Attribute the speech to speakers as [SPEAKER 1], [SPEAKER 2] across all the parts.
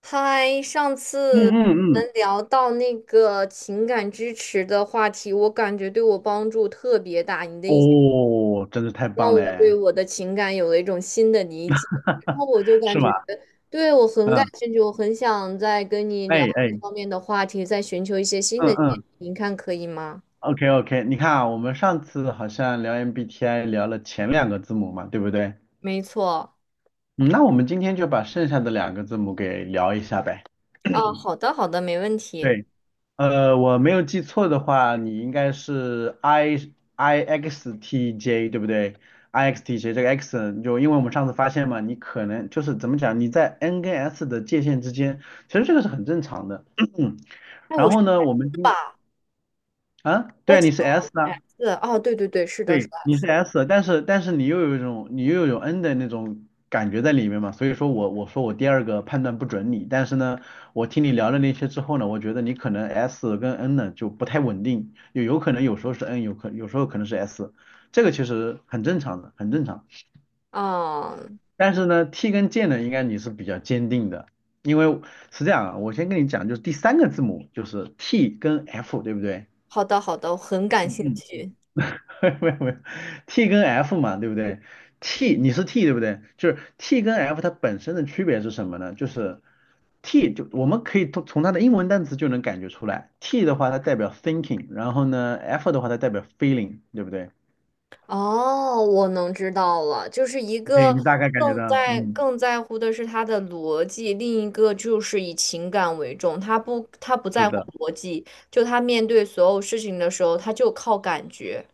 [SPEAKER 1] 嗨，上
[SPEAKER 2] 嗯
[SPEAKER 1] 次我
[SPEAKER 2] 嗯嗯，
[SPEAKER 1] 们聊到那个情感支持的话题，我感觉对我帮助特别大。你的意见
[SPEAKER 2] 哦，真的太
[SPEAKER 1] 让
[SPEAKER 2] 棒
[SPEAKER 1] 我对
[SPEAKER 2] 嘞。
[SPEAKER 1] 我的情感有了一种新的理解，然后我就 感
[SPEAKER 2] 是
[SPEAKER 1] 觉
[SPEAKER 2] 吗？
[SPEAKER 1] 对我很感
[SPEAKER 2] 嗯，
[SPEAKER 1] 兴趣，我很想再跟你聊
[SPEAKER 2] 哎
[SPEAKER 1] 这
[SPEAKER 2] 哎，
[SPEAKER 1] 方面的话题，再寻求一些新
[SPEAKER 2] 嗯
[SPEAKER 1] 的建议，
[SPEAKER 2] 嗯
[SPEAKER 1] 您看可以吗？
[SPEAKER 2] ，OK OK，你看啊，我们上次好像聊 MBTI 聊了前两个字母嘛，对不对？
[SPEAKER 1] 没错。
[SPEAKER 2] 嗯，那我们今天就把剩下的两个字母给聊一下呗。
[SPEAKER 1] 啊，好的，好的，没问题。
[SPEAKER 2] 对，我没有记错的话，你应该是 I X T J 对不对？I X T J 这个 X 就因为我们上次发现嘛，你可能就是怎么讲，你在 N 跟 S 的界限之间，其实这个是很正常的。
[SPEAKER 1] 哎，我
[SPEAKER 2] 然
[SPEAKER 1] 是
[SPEAKER 2] 后呢，我们今
[SPEAKER 1] 吧？
[SPEAKER 2] 啊，
[SPEAKER 1] 我
[SPEAKER 2] 对啊，你是 S
[SPEAKER 1] 哎
[SPEAKER 2] 啊。
[SPEAKER 1] 是哦，对对对，是的，是
[SPEAKER 2] 对，
[SPEAKER 1] 的。
[SPEAKER 2] 你是 S,但是你又有 N 的那种感觉在里面嘛，所以说我说我第二个判断不准你，但是呢，我听你聊了那些之后呢，我觉得你可能 S 跟 N 呢就不太稳定，有可能有时候是 N,有时候可能是 S,这个其实很正常的，很正常。
[SPEAKER 1] 啊，
[SPEAKER 2] 但是呢，T 跟 J 呢，应该你是比较坚定的，因为是这样啊，我先跟你讲，就是第三个字母就是 T 跟 F,对不对？
[SPEAKER 1] 好的，好的，我很感兴
[SPEAKER 2] 嗯嗯。
[SPEAKER 1] 趣。
[SPEAKER 2] 没有没有，T 跟 F 嘛，对不对？T 你是 T 对不对？就是 T 跟 F 它本身的区别是什么呢？就是 T 就我们可以从它的英文单词就能感觉出来，T 的话它代表 thinking,然后呢 F 的话它代表 feeling,对不对？
[SPEAKER 1] 哦，我能知道了，就是一
[SPEAKER 2] 对，
[SPEAKER 1] 个
[SPEAKER 2] 你大概感觉
[SPEAKER 1] 更
[SPEAKER 2] 到，
[SPEAKER 1] 在
[SPEAKER 2] 嗯，
[SPEAKER 1] 更在乎的是他的逻辑，另一个就是以情感为重，他不
[SPEAKER 2] 是
[SPEAKER 1] 在乎
[SPEAKER 2] 的。
[SPEAKER 1] 逻辑，就他面对所有事情的时候，他就靠感觉。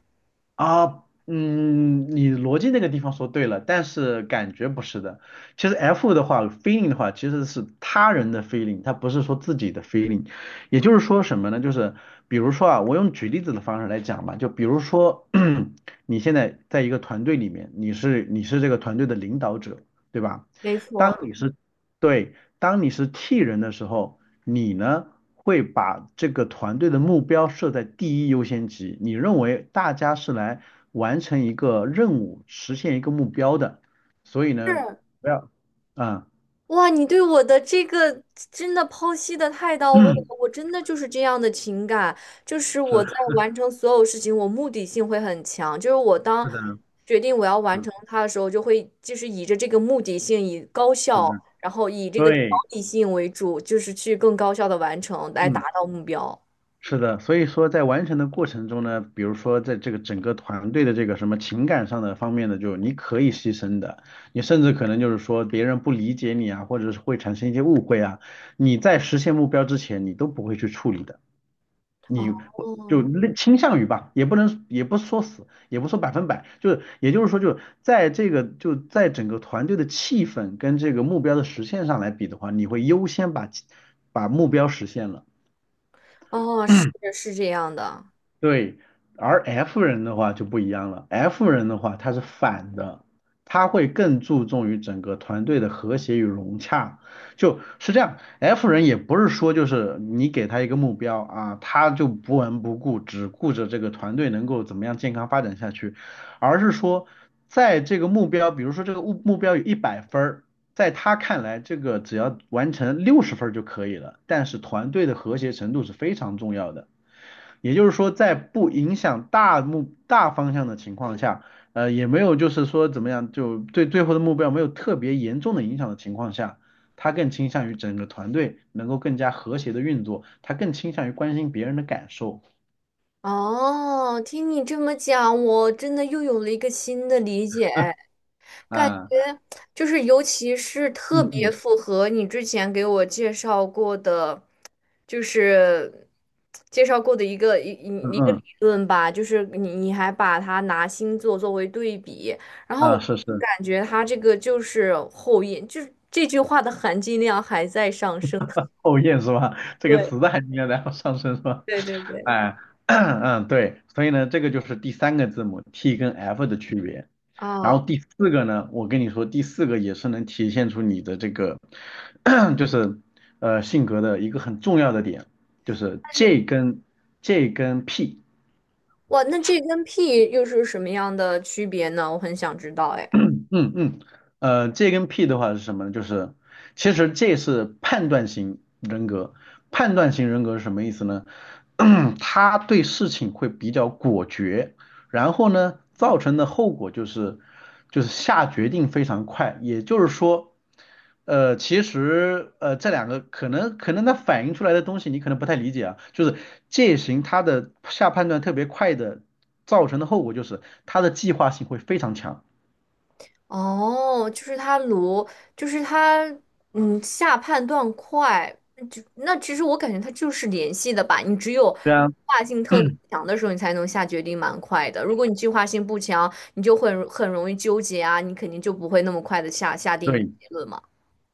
[SPEAKER 2] 啊，嗯，你逻辑那个地方说对了，但是感觉不是的。其实 F 的话，feeling 的话，其实是他人的 feeling,它不是说自己的 feeling。也就是说什么呢？就是比如说啊，我用举例子的方式来讲吧，就比如说 你现在在一个团队里面，你是这个团队的领导者，对吧？
[SPEAKER 1] 没
[SPEAKER 2] 当
[SPEAKER 1] 错，
[SPEAKER 2] 你是对，当你是 T 人的时候。你呢会把这个团队的目标设在第一优先级，你认为大家是来完成一个任务、实现一个目标的，所以呢，
[SPEAKER 1] 是，
[SPEAKER 2] 不要，嗯，
[SPEAKER 1] 哇，你对我的这个真的剖析的太到位了，我 真的就是这样的情感，就是我在
[SPEAKER 2] 是
[SPEAKER 1] 完成所有事情，我目的性会很强，就是我当
[SPEAKER 2] 是的，
[SPEAKER 1] 决定我要完
[SPEAKER 2] 嗯，
[SPEAKER 1] 成它的时候，就会就是以着这个目的性，以高
[SPEAKER 2] 是的，
[SPEAKER 1] 效，然后以这个目
[SPEAKER 2] 对，
[SPEAKER 1] 的性为主，就是去更高效的完成，来达
[SPEAKER 2] 嗯。
[SPEAKER 1] 到目标。
[SPEAKER 2] 是的，所以说在完成的过程中呢，比如说在这个整个团队的这个什么情感上的方面的，就你可以牺牲的，你甚至可能就是说别人不理解你啊，或者是会产生一些误会啊，你在实现目标之前，你都不会去处理的，你
[SPEAKER 1] 哦
[SPEAKER 2] 会就类倾向于吧，也不能也不说死，也不说百分百，就是也就是说就在整个团队的气氛跟这个目标的实现上来比的话，你会优先把目标实现了。
[SPEAKER 1] 哦，是这样的。
[SPEAKER 2] 对，而 F 人的话就不一样了，F 人的话他是反的，他会更注重于整个团队的和谐与融洽，就是这样。F 人也不是说就是你给他一个目标啊，他就不闻不顾，只顾着这个团队能够怎么样健康发展下去，而是说在这个目标，比如说这个目标有100分儿，在他看来，这个只要完成60分儿就可以了，但是团队的和谐程度是非常重要的。也就是说，在不影响大方向的情况下，也没有就是说怎么样，就对最后的目标没有特别严重的影响的情况下，他更倾向于整个团队能够更加和谐的运作，他更倾向于关心别人的感受
[SPEAKER 1] 哦，听你这么讲，我真的又有了一个新的理解。感
[SPEAKER 2] 啊。
[SPEAKER 1] 觉就是尤其是特
[SPEAKER 2] 嗯
[SPEAKER 1] 别
[SPEAKER 2] 嗯
[SPEAKER 1] 符合你之前给我介绍过的，就是介绍过的一个一
[SPEAKER 2] 嗯
[SPEAKER 1] 一一个理
[SPEAKER 2] 嗯
[SPEAKER 1] 论吧，就是你还把它拿星座作为对比，然后
[SPEAKER 2] 啊，
[SPEAKER 1] 我
[SPEAKER 2] 是是。
[SPEAKER 1] 感觉它这个就是后印，就是这句话的含金量还在上升。
[SPEAKER 2] 后验是吧？这个
[SPEAKER 1] 对
[SPEAKER 2] 词的含该然在上升是吧？
[SPEAKER 1] 对对对。
[SPEAKER 2] 哎，嗯，对，所以呢，这个就是第三个字母 T 跟 F 的区别。然后
[SPEAKER 1] 啊，
[SPEAKER 2] 第四个呢，我跟你说，第四个也是能体现出你的这个，就是性格的一个很重要的点，就是 J 跟 P。
[SPEAKER 1] 哇，那这跟 P 又是什么样的区别呢？我很想知道，哎。
[SPEAKER 2] 嗯嗯，J 跟 P 的话是什么呢？就是其实 J 是判断型人格，判断型人格是什么意思呢？他对事情会比较果决，然后呢，造成的后果就是下决定非常快，也就是说，其实这两个可能它反映出来的东西你可能不太理解啊，就是 J 型他的下判断特别快的造成的后果就是他的计划性会非常强。
[SPEAKER 1] 哦，就是他卢，就是他，嗯，下判断快，就那其实我感觉他就是联系的吧。你只有计
[SPEAKER 2] 对啊。
[SPEAKER 1] 划性特别强的时候，你才能下决定蛮快的。如果你计划性不强，你就会很容易纠结啊，你肯定就不会那么快的下定一个
[SPEAKER 2] 对
[SPEAKER 1] 结论嘛。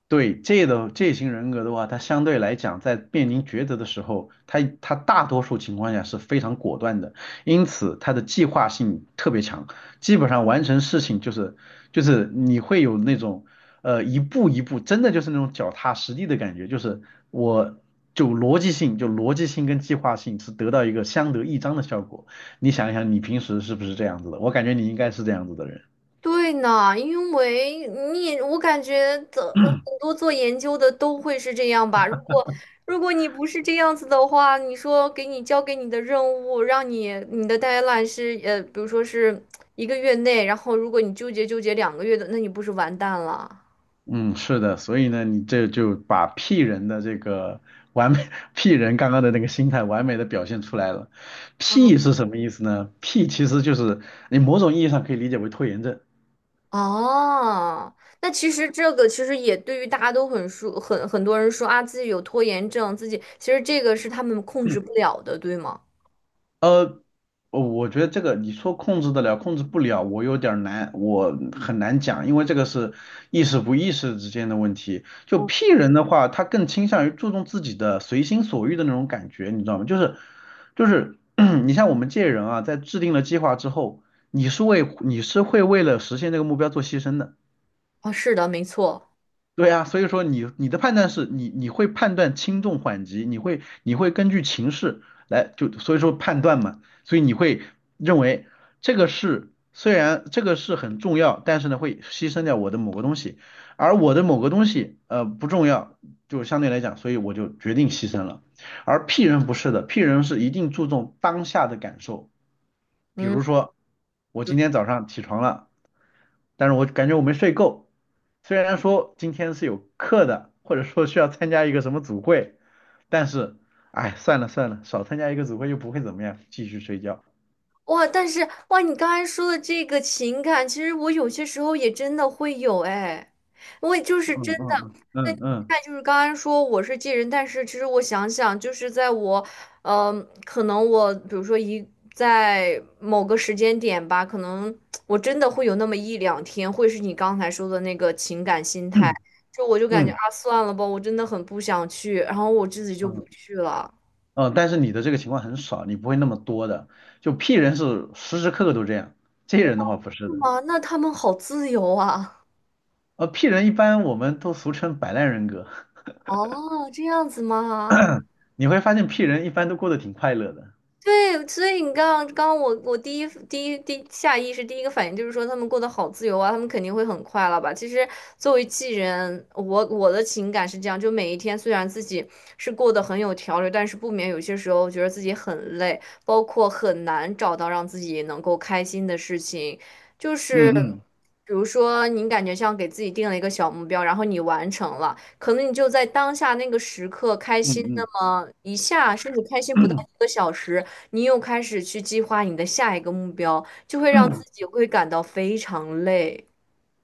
[SPEAKER 2] 对，这型人格的话，他相对来讲，在面临抉择的时候，他大多数情况下是非常果断的，因此他的计划性特别强，基本上完成事情就是你会有那种一步一步，真的就是那种脚踏实地的感觉，就是我就逻辑性跟计划性是得到一个相得益彰的效果。你想一想，你平时是不是这样子的？我感觉你应该是这样子的人。
[SPEAKER 1] 对呢，因为你也我感觉的很多做研究的都会是这样吧。如果你不是这样子的话，你说给你交给你的任务，让你的 deadline 是比如说是1个月内，然后如果你纠结2个月的，那你不是完蛋了？
[SPEAKER 2] 嗯，是的，所以呢，你这就把 P 人的这个完美 ，P 人刚刚的那个心态完美的表现出来了。
[SPEAKER 1] 啊？
[SPEAKER 2] P 是什么意思呢？P 其实就是你某种意义上可以理解为拖延症。
[SPEAKER 1] 哦，那其实这个其实也对于大家都很说，很多人说啊，自己有拖延症，自己其实这个是他们控制不了的，对吗？
[SPEAKER 2] 呃，我觉得这个你说控制得了，控制不了，我有点儿难，我很难讲，因为这个是意识不意识之间的问题。就 P 人的话，他更倾向于注重自己的随心所欲的那种感觉，你知道吗？就是，你像我们这些人啊，在制定了计划之后，你是会为了实现这个目标做牺牲的。
[SPEAKER 1] 啊，是的，没错。
[SPEAKER 2] 对啊，所以说你的判断是你会判断轻重缓急，你会根据情势来就所以说判断嘛，所以你会认为这个事，虽然这个事很重要，但是呢会牺牲掉我的某个东西，而我的某个东西不重要，就相对来讲，所以我就决定牺牲了。而 P 人不是的，P 人是一定注重当下的感受，比
[SPEAKER 1] 嗯。
[SPEAKER 2] 如说我今天早上起床了。但是我感觉我没睡够。虽然说今天是有课的，或者说需要参加一个什么组会，但是，哎，算了算了，少参加一个组会又不会怎么样，继续睡觉。
[SPEAKER 1] 哇，但是哇，你刚才说的这个情感，其实我有些时候也真的会有哎，我也就是真
[SPEAKER 2] 嗯
[SPEAKER 1] 的。
[SPEAKER 2] 嗯
[SPEAKER 1] 那你
[SPEAKER 2] 嗯嗯
[SPEAKER 1] 看，就是刚才说我是 J 人，但是其实我想想，就是在我，嗯、可能我比如说一在某个时间点吧，可能我真的会有那么一两天，会是你刚才说的那个情感心态，就我就感觉
[SPEAKER 2] 嗯
[SPEAKER 1] 啊，算了吧，我真的很不想去，然后我自己就不
[SPEAKER 2] 嗯
[SPEAKER 1] 去了。
[SPEAKER 2] 嗯，但是你的这个情况很少，你不会那么多的。就 P 人是时时刻刻都这样，J 人的话不是
[SPEAKER 1] 是
[SPEAKER 2] 的。
[SPEAKER 1] 吗？那他们好自由啊。
[SPEAKER 2] P 人一般我们都俗称摆烂人格，
[SPEAKER 1] 哦，这样子吗？
[SPEAKER 2] 你会发现 P 人一般都过得挺快乐的。
[SPEAKER 1] 对，所以你刚刚我第一第一第下意识第一个反应就是说他们过得好自由啊，他们肯定会很快乐吧？其实作为艺人，我的情感是这样，就每一天虽然自己是过得很有条理，但是不免有些时候觉得自己很累，包括很难找到让自己能够开心的事情，就是
[SPEAKER 2] 嗯嗯
[SPEAKER 1] 比如说你感觉像给自己定了一个小目标，然后你完成了，可能你就在当下那个时刻开心那
[SPEAKER 2] 嗯
[SPEAKER 1] 么一下，甚至开心不到
[SPEAKER 2] 嗯。
[SPEAKER 1] 1个小时。你又开始去计划你的下一个目标，就会让自 己会感到非常累。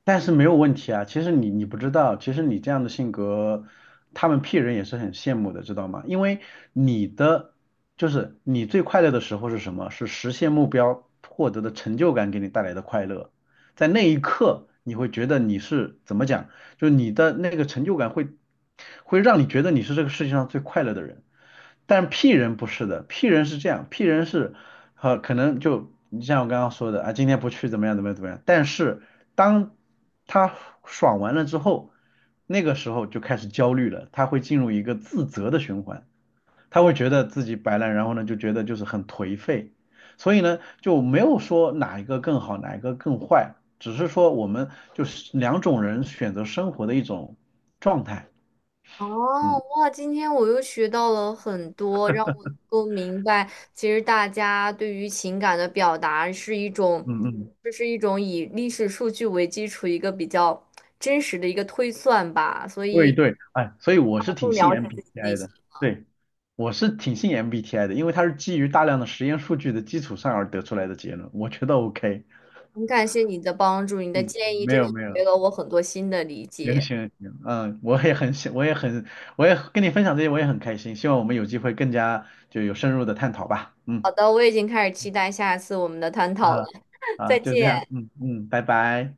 [SPEAKER 2] 但是没有问题啊。其实你不知道，其实你这样的性格，他们 P 人也是很羡慕的，知道吗？因为你的就是你最快乐的时候是什么？是实现目标获得的成就感给你带来的快乐。在那一刻你会觉得你是怎么讲，就是你的那个成就感会让你觉得你是这个世界上最快乐的人。但 P 人不是的，P 人是这样，P 人是，可能就你像我刚刚说的啊，今天不去怎么样怎么样怎么样，但是当他爽完了之后，那个时候就开始焦虑了，他会进入一个自责的循环。他会觉得自己摆烂，然后呢就觉得就是很颓废，所以呢就没有说哪一个更好，哪一个更坏，只是说我们就是两种人选择生活的一种状态。
[SPEAKER 1] 哦，
[SPEAKER 2] 嗯
[SPEAKER 1] 哇，今天我又学到了很多，让我能够明白，其实大家对于情感的表达是一种，
[SPEAKER 2] 嗯嗯，
[SPEAKER 1] 这是一种以历史数据为基础一个比较真实的一个推算吧，所
[SPEAKER 2] 对
[SPEAKER 1] 以
[SPEAKER 2] 对，哎，所以我
[SPEAKER 1] 让
[SPEAKER 2] 是
[SPEAKER 1] 我
[SPEAKER 2] 挺
[SPEAKER 1] 更
[SPEAKER 2] 信
[SPEAKER 1] 了解自己内
[SPEAKER 2] MBTI
[SPEAKER 1] 心。
[SPEAKER 2] 的。对，我是挺信 MBTI 的，因为它是基于大量的实验数据的基础上而得出来的结论，我觉得 OK。
[SPEAKER 1] 很感谢你的帮助，你的
[SPEAKER 2] 嗯，
[SPEAKER 1] 建议
[SPEAKER 2] 没
[SPEAKER 1] 真
[SPEAKER 2] 有
[SPEAKER 1] 的
[SPEAKER 2] 没有。
[SPEAKER 1] 给了我很多新的理
[SPEAKER 2] 行
[SPEAKER 1] 解。
[SPEAKER 2] 行行，嗯，我也很喜，我也很，我也跟你分享这些，我也很开心。希望我们有机会更加就有深入的探讨吧。
[SPEAKER 1] 好
[SPEAKER 2] 嗯，
[SPEAKER 1] 的，我已经开始期待下次我们的探讨了。
[SPEAKER 2] 啊 啊，
[SPEAKER 1] 再
[SPEAKER 2] 就这样，
[SPEAKER 1] 见。
[SPEAKER 2] 嗯嗯，拜拜。